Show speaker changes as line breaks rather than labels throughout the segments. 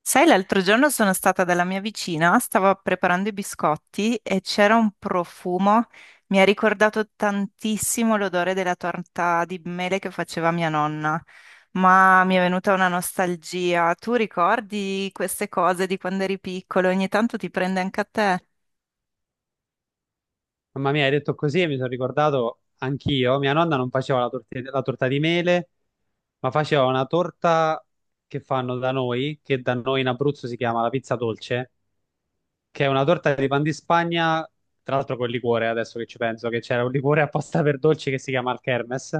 Sai, l'altro giorno sono stata dalla mia vicina, stavo preparando i biscotti e c'era un profumo, mi ha ricordato tantissimo l'odore della torta di mele che faceva mia nonna, ma mi è venuta una nostalgia. Tu ricordi queste cose di quando eri piccolo? Ogni tanto ti prende anche a te?
Mamma mia, hai detto così e mi sono ricordato anch'io. Mia nonna non faceva la, la torta di mele, ma faceva una torta che fanno da noi, che da noi in Abruzzo si chiama la pizza dolce, che è una torta di pan di Spagna, tra l'altro col liquore, adesso che ci penso, che c'era un liquore apposta per dolci che si chiama il Kermes,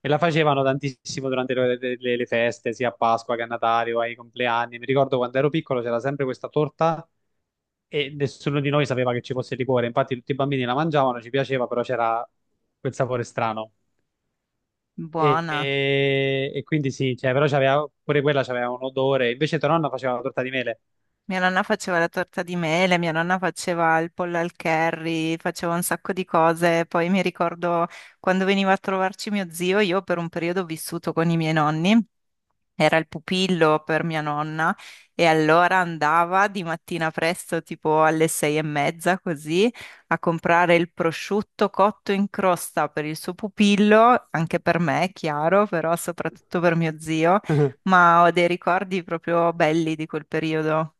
e la facevano tantissimo durante le, le feste, sia a Pasqua che a Natale o ai compleanni. Mi ricordo quando ero piccolo c'era sempre questa torta e nessuno di noi sapeva che ci fosse il liquore, infatti tutti i bambini la mangiavano, ci piaceva, però c'era quel sapore strano. E,
Buona.
e- e quindi sì, cioè, però c'aveva, pure quella c'aveva un odore, invece tua nonna faceva la torta di mele,
Mia nonna faceva la torta di mele, mia nonna faceva il pollo al curry, faceva un sacco di cose. Poi mi ricordo quando veniva a trovarci mio zio, io per un periodo ho vissuto con i miei nonni, era il pupillo per mia nonna e allora andava di mattina presto, tipo alle 6:30 così, a comprare il prosciutto cotto in crosta per il suo pupillo, anche per me, chiaro, però soprattutto per mio zio, ma ho dei ricordi proprio belli di quel periodo.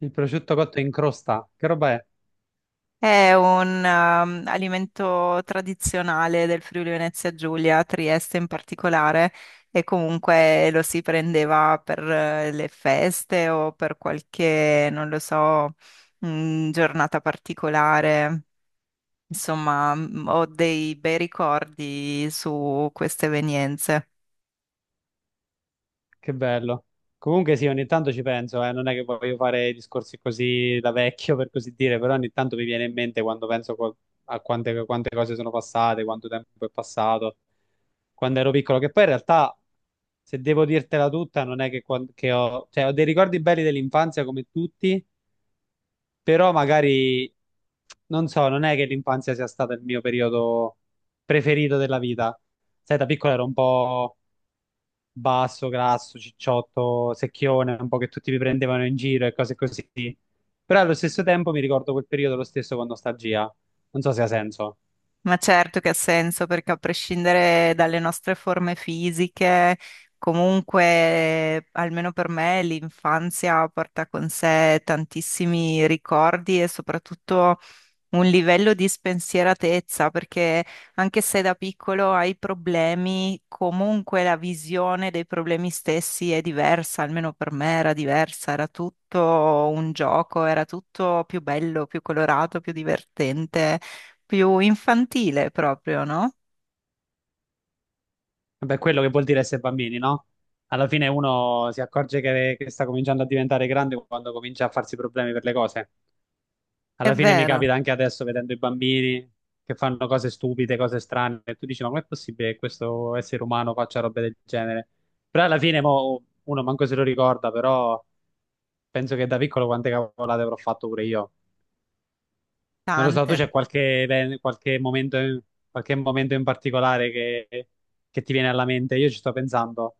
il prosciutto cotto in crosta, che roba è?
È un alimento tradizionale del Friuli Venezia Giulia, Trieste in particolare, e comunque lo si prendeva per le feste o per qualche, non lo so, giornata particolare. Insomma, ho dei bei ricordi su queste evenienze.
Che bello. Comunque sì, ogni tanto ci penso, non è che voglio fare discorsi così da vecchio, per così dire, però ogni tanto mi viene in mente quando a quante, quante cose sono passate, quanto tempo è passato, quando ero piccolo, che poi in realtà, se devo dirtela tutta, non è che, cioè, ho dei ricordi belli dell'infanzia come tutti, però magari, non so, non è che l'infanzia sia stato il mio periodo preferito della vita. Sai, da piccolo ero un po' basso, grasso, cicciotto, secchione, un po' che tutti mi prendevano in giro e cose così. Però allo stesso tempo mi ricordo quel periodo lo stesso con nostalgia. Non so se ha senso.
Ma certo che ha senso, perché a prescindere dalle nostre forme fisiche, comunque, almeno per me, l'infanzia porta con sé tantissimi ricordi e soprattutto un livello di spensieratezza, perché anche se da piccolo hai problemi, comunque la visione dei problemi stessi è diversa, almeno per me era diversa, era tutto un gioco, era tutto più bello, più colorato, più divertente, più infantile proprio, no?
Vabbè, quello che vuol dire essere bambini, no? Alla fine uno si accorge che sta cominciando a diventare grande quando comincia a farsi problemi per le cose.
È
Alla fine mi
vero,
capita anche adesso vedendo i bambini che fanno cose stupide, cose strane, e tu dici, ma com'è possibile che questo essere umano faccia robe del genere? Però alla fine mo, uno manco se lo ricorda, però penso che da piccolo quante cavolate avrò fatto pure io. Non lo so, tu
tante.
c'è qualche, qualche momento, qualche momento in particolare che ti viene alla mente? Io ci sto pensando,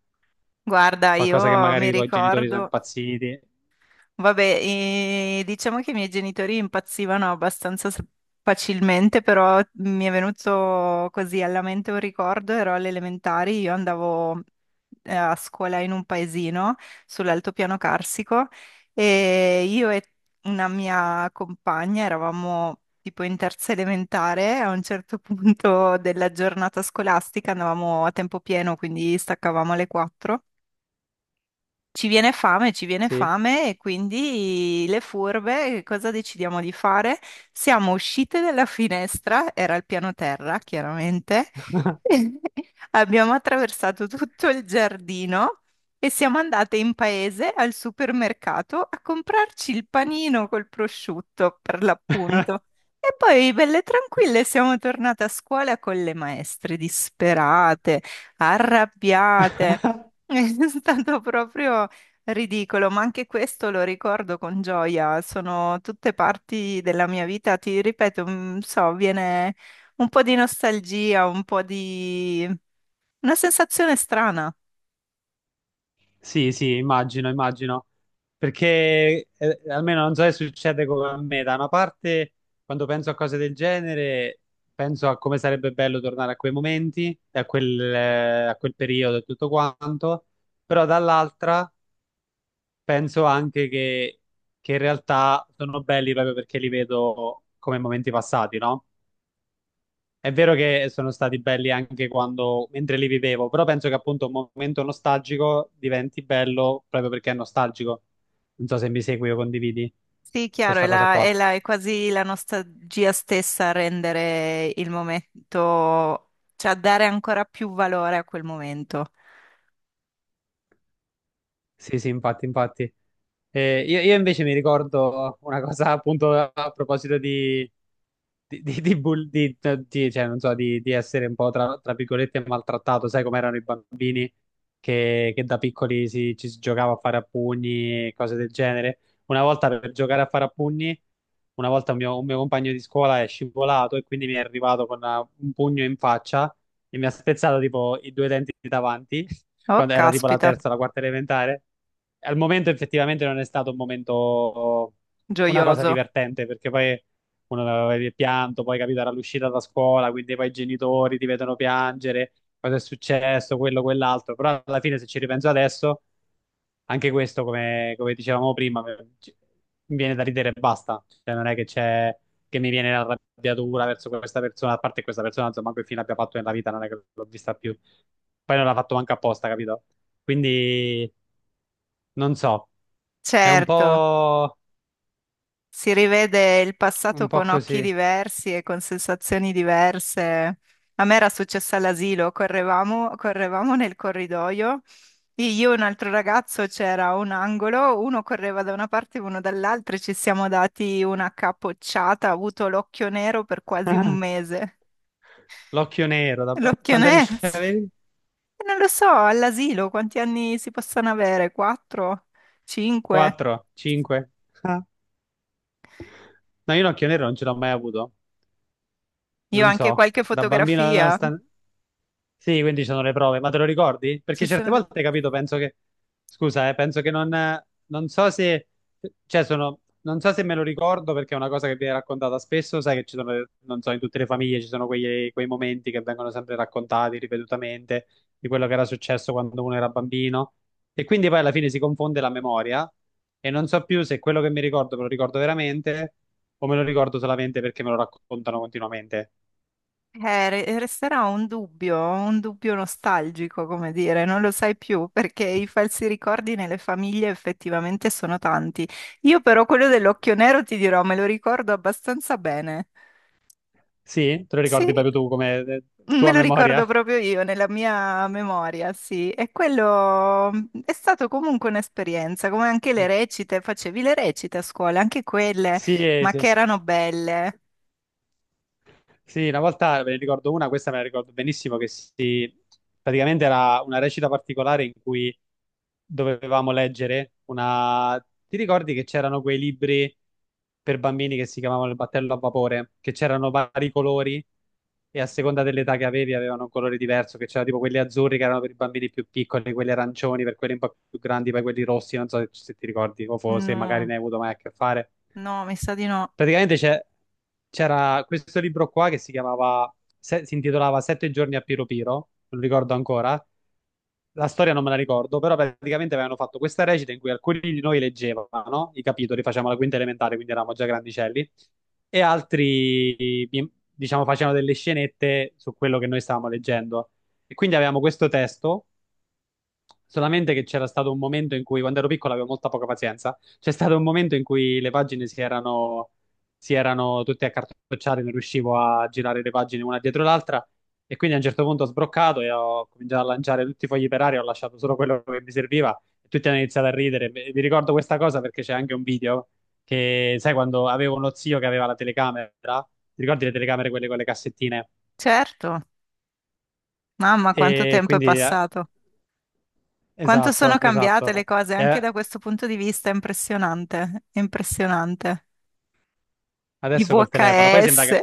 Guarda,
qualcosa che
io
magari
mi
i tuoi genitori sono
ricordo.
impazziti.
Vabbè, diciamo che i miei genitori impazzivano abbastanza facilmente, però mi è venuto così alla mente un ricordo, ero alle elementari, io andavo a scuola in un paesino sull'altopiano carsico e io e una mia compagna eravamo tipo in 3ª elementare, a un certo punto della giornata scolastica andavamo a tempo pieno, quindi staccavamo alle 4. Ci viene fame e quindi le furbe, che cosa decidiamo di fare? Siamo uscite dalla finestra, era il piano terra, chiaramente. Abbiamo attraversato tutto il giardino e siamo andate in paese al supermercato a comprarci il panino col prosciutto, per l'appunto. E poi, belle tranquille, siamo tornate a scuola con le maestre disperate, arrabbiate. È stato proprio ridicolo, ma anche questo lo ricordo con gioia, sono tutte parti della mia vita, ti ripeto, mm, so, viene un po' di nostalgia, un po' di una sensazione strana.
Sì, sì, immagino, immagino. Perché almeno non so se succede come a me, da una parte quando penso a cose del genere penso a come sarebbe bello tornare a quei momenti, e a quel periodo e tutto quanto, però dall'altra penso anche che in realtà sono belli proprio perché li vedo come momenti passati, no? È vero che sono stati belli anche quando, mentre li vivevo, però penso che appunto un momento nostalgico diventi bello proprio perché è nostalgico. Non so se mi segui o condividi
Sì, chiaro, è,
questa cosa qua.
è quasi la nostalgia stessa a rendere il momento, cioè a dare ancora più valore a quel momento.
Sì, sì, infatti, infatti. Io invece mi ricordo una cosa appunto a proposito di, di, di- di bull- di- cioè, non so, di essere un po' tra, tra virgolette maltrattato, sai com'erano i bambini che da piccoli si, ci si giocava a fare a pugni e cose del genere. Una volta per giocare a fare a pugni, una volta un mio compagno di scuola è scivolato e quindi mi è arrivato con un pugno in faccia e mi ha spezzato tipo i due denti davanti,
Oh,
quando era tipo la
caspita,
terza o la quarta elementare. Al momento effettivamente non è stato un momento, una cosa
gioioso.
divertente, perché poi uno aveva pianto, poi capito era l'uscita da scuola, quindi poi i genitori ti vedono piangere, cosa è successo, quello, quell'altro, però alla fine se ci ripenso adesso anche questo, come, come dicevamo prima, mi viene da ridere e basta. Cioè, non è che c'è che mi viene l'arrabbiatura verso questa persona, a parte questa persona, insomma, che fine abbia fatto nella vita, non è che l'ho vista più. Poi non l'ha fatto manco apposta, capito? Quindi, non so, è
Certo. Si rivede il
un
passato
po'
con occhi
così.
diversi e con sensazioni diverse. A me era successo all'asilo, correvamo, correvamo nel corridoio, io e un altro ragazzo c'era un angolo, uno correva da una parte e uno dall'altra e ci siamo dati una capocciata, ho avuto l'occhio nero per quasi un mese.
L'occhio nero,
L'occhio
quanti anni
nero,
ce
sì.
avevi?
E non lo so, all'asilo quanti anni si possono avere? Quattro? Cinque?
4, 5? No, io l'occhio nero non ce l'ho mai avuto,
Io ho
non
anche
so,
qualche
da bambino,
fotografia.
nonostante... Sì, quindi ci sono le prove, ma te lo ricordi? Perché
Ci
certe
sono le...
volte, capito, penso che... Scusa, penso che non... Non so se... Cioè, sono... Non so se me lo ricordo perché è una cosa che viene raccontata spesso, sai che ci sono, non so, in tutte le famiglie ci sono quei momenti che vengono sempre raccontati ripetutamente di quello che era successo quando uno era bambino e quindi poi alla fine si confonde la memoria e non so più se quello che mi ricordo me lo ricordo veramente o me lo ricordo solamente perché me lo raccontano continuamente.
Resterà un dubbio nostalgico, come dire, non lo sai più perché i falsi ricordi nelle famiglie effettivamente sono tanti. Io però quello dell'occhio nero ti dirò, me lo ricordo abbastanza bene.
Sì? Te lo ricordi
Sì,
proprio tu come
me
tua
lo
memoria?
ricordo proprio io nella mia memoria, sì. E quello mm, è stato comunque un'esperienza, come anche le recite, facevi le recite a scuola, anche quelle,
Sì,
ma
sì.
che erano belle.
Sì, una volta ve ne ricordo una, questa me la ricordo benissimo, che si... praticamente era una recita particolare in cui dovevamo leggere una... Ti ricordi che c'erano quei libri per bambini che si chiamavano il battello a vapore, che c'erano vari colori e a seconda dell'età che avevi avevano un colore diverso, che c'erano tipo quelli azzurri che erano per i bambini più piccoli, quelli arancioni per quelli un po' più grandi, poi quelli rossi, non so se ti ricordi o se magari
No,
ne hai avuto mai a che fare.
no, mi sa di no.
Praticamente c'era questo libro qua che si chiamava, si intitolava Sette giorni a Piro Piro, non ricordo ancora, la storia non me la ricordo, però praticamente avevano fatto questa recita in cui alcuni di noi leggevano i capitoli, facevamo la quinta elementare, quindi eravamo già grandicelli, e altri, diciamo, facevano delle scenette su quello che noi stavamo leggendo. E quindi avevamo questo testo. Solamente che c'era stato un momento in cui, quando ero piccolo, avevo molta poca pazienza. C'è stato un momento in cui le pagine si erano tutte accartocciate, non riuscivo a girare le pagine una dietro l'altra. E quindi a un certo punto ho sbroccato e ho cominciato a lanciare tutti i fogli per aria, ho lasciato solo quello che mi serviva. E tutti hanno iniziato a ridere. E vi ricordo questa cosa perché c'è anche un video che, sai, quando avevo uno zio che aveva la telecamera, ti ricordi le telecamere, quelle con le cassettine?
Certo. Mamma, quanto
E
tempo è
quindi,
passato. Quanto sono
esatto,
cambiate le
esatto.
cose anche
E
da questo punto di vista, è impressionante, è impressionante. I
Adesso col telefono. Poi sembra
VHS,
che...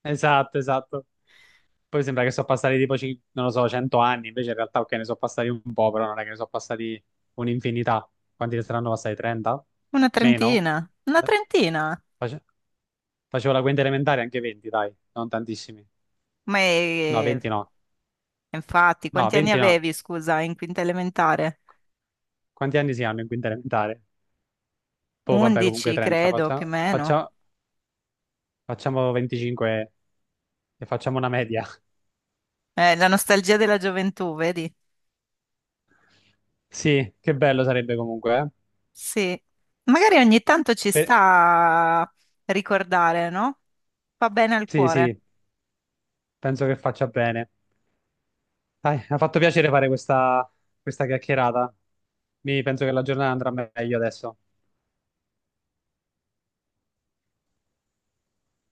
Esatto, esatto. Poi sembra che sono passati tipo, non lo so, 100 anni. Invece in realtà, ok, ne sono passati un po', però non è che ne sono passati un'infinità. Quanti ne saranno passati? 30?
una
Meno?
trentina, una
Eh,
trentina.
face- Facevo la quinta elementare, anche 20, dai. Non tantissimi.
Ma
No,
è-
20 no.
Infatti,
No,
quanti anni
20 no.
avevi, scusa, in 5ª elementare?
Quanti anni si hanno in quinta elementare? Poi vabbè, comunque
11,
30.
credo, più o meno.
Facciamo 25 e facciamo una media.
La nostalgia della gioventù, vedi?
Sì, che bello sarebbe comunque, eh?
Sì. Magari ogni tanto ci
Per-
sta a ricordare, no? Fa bene al
Sì,
cuore.
sì. Penso che faccia bene. Dai, mi ha fatto piacere fare questa, questa chiacchierata. Mi penso che la giornata andrà meglio adesso.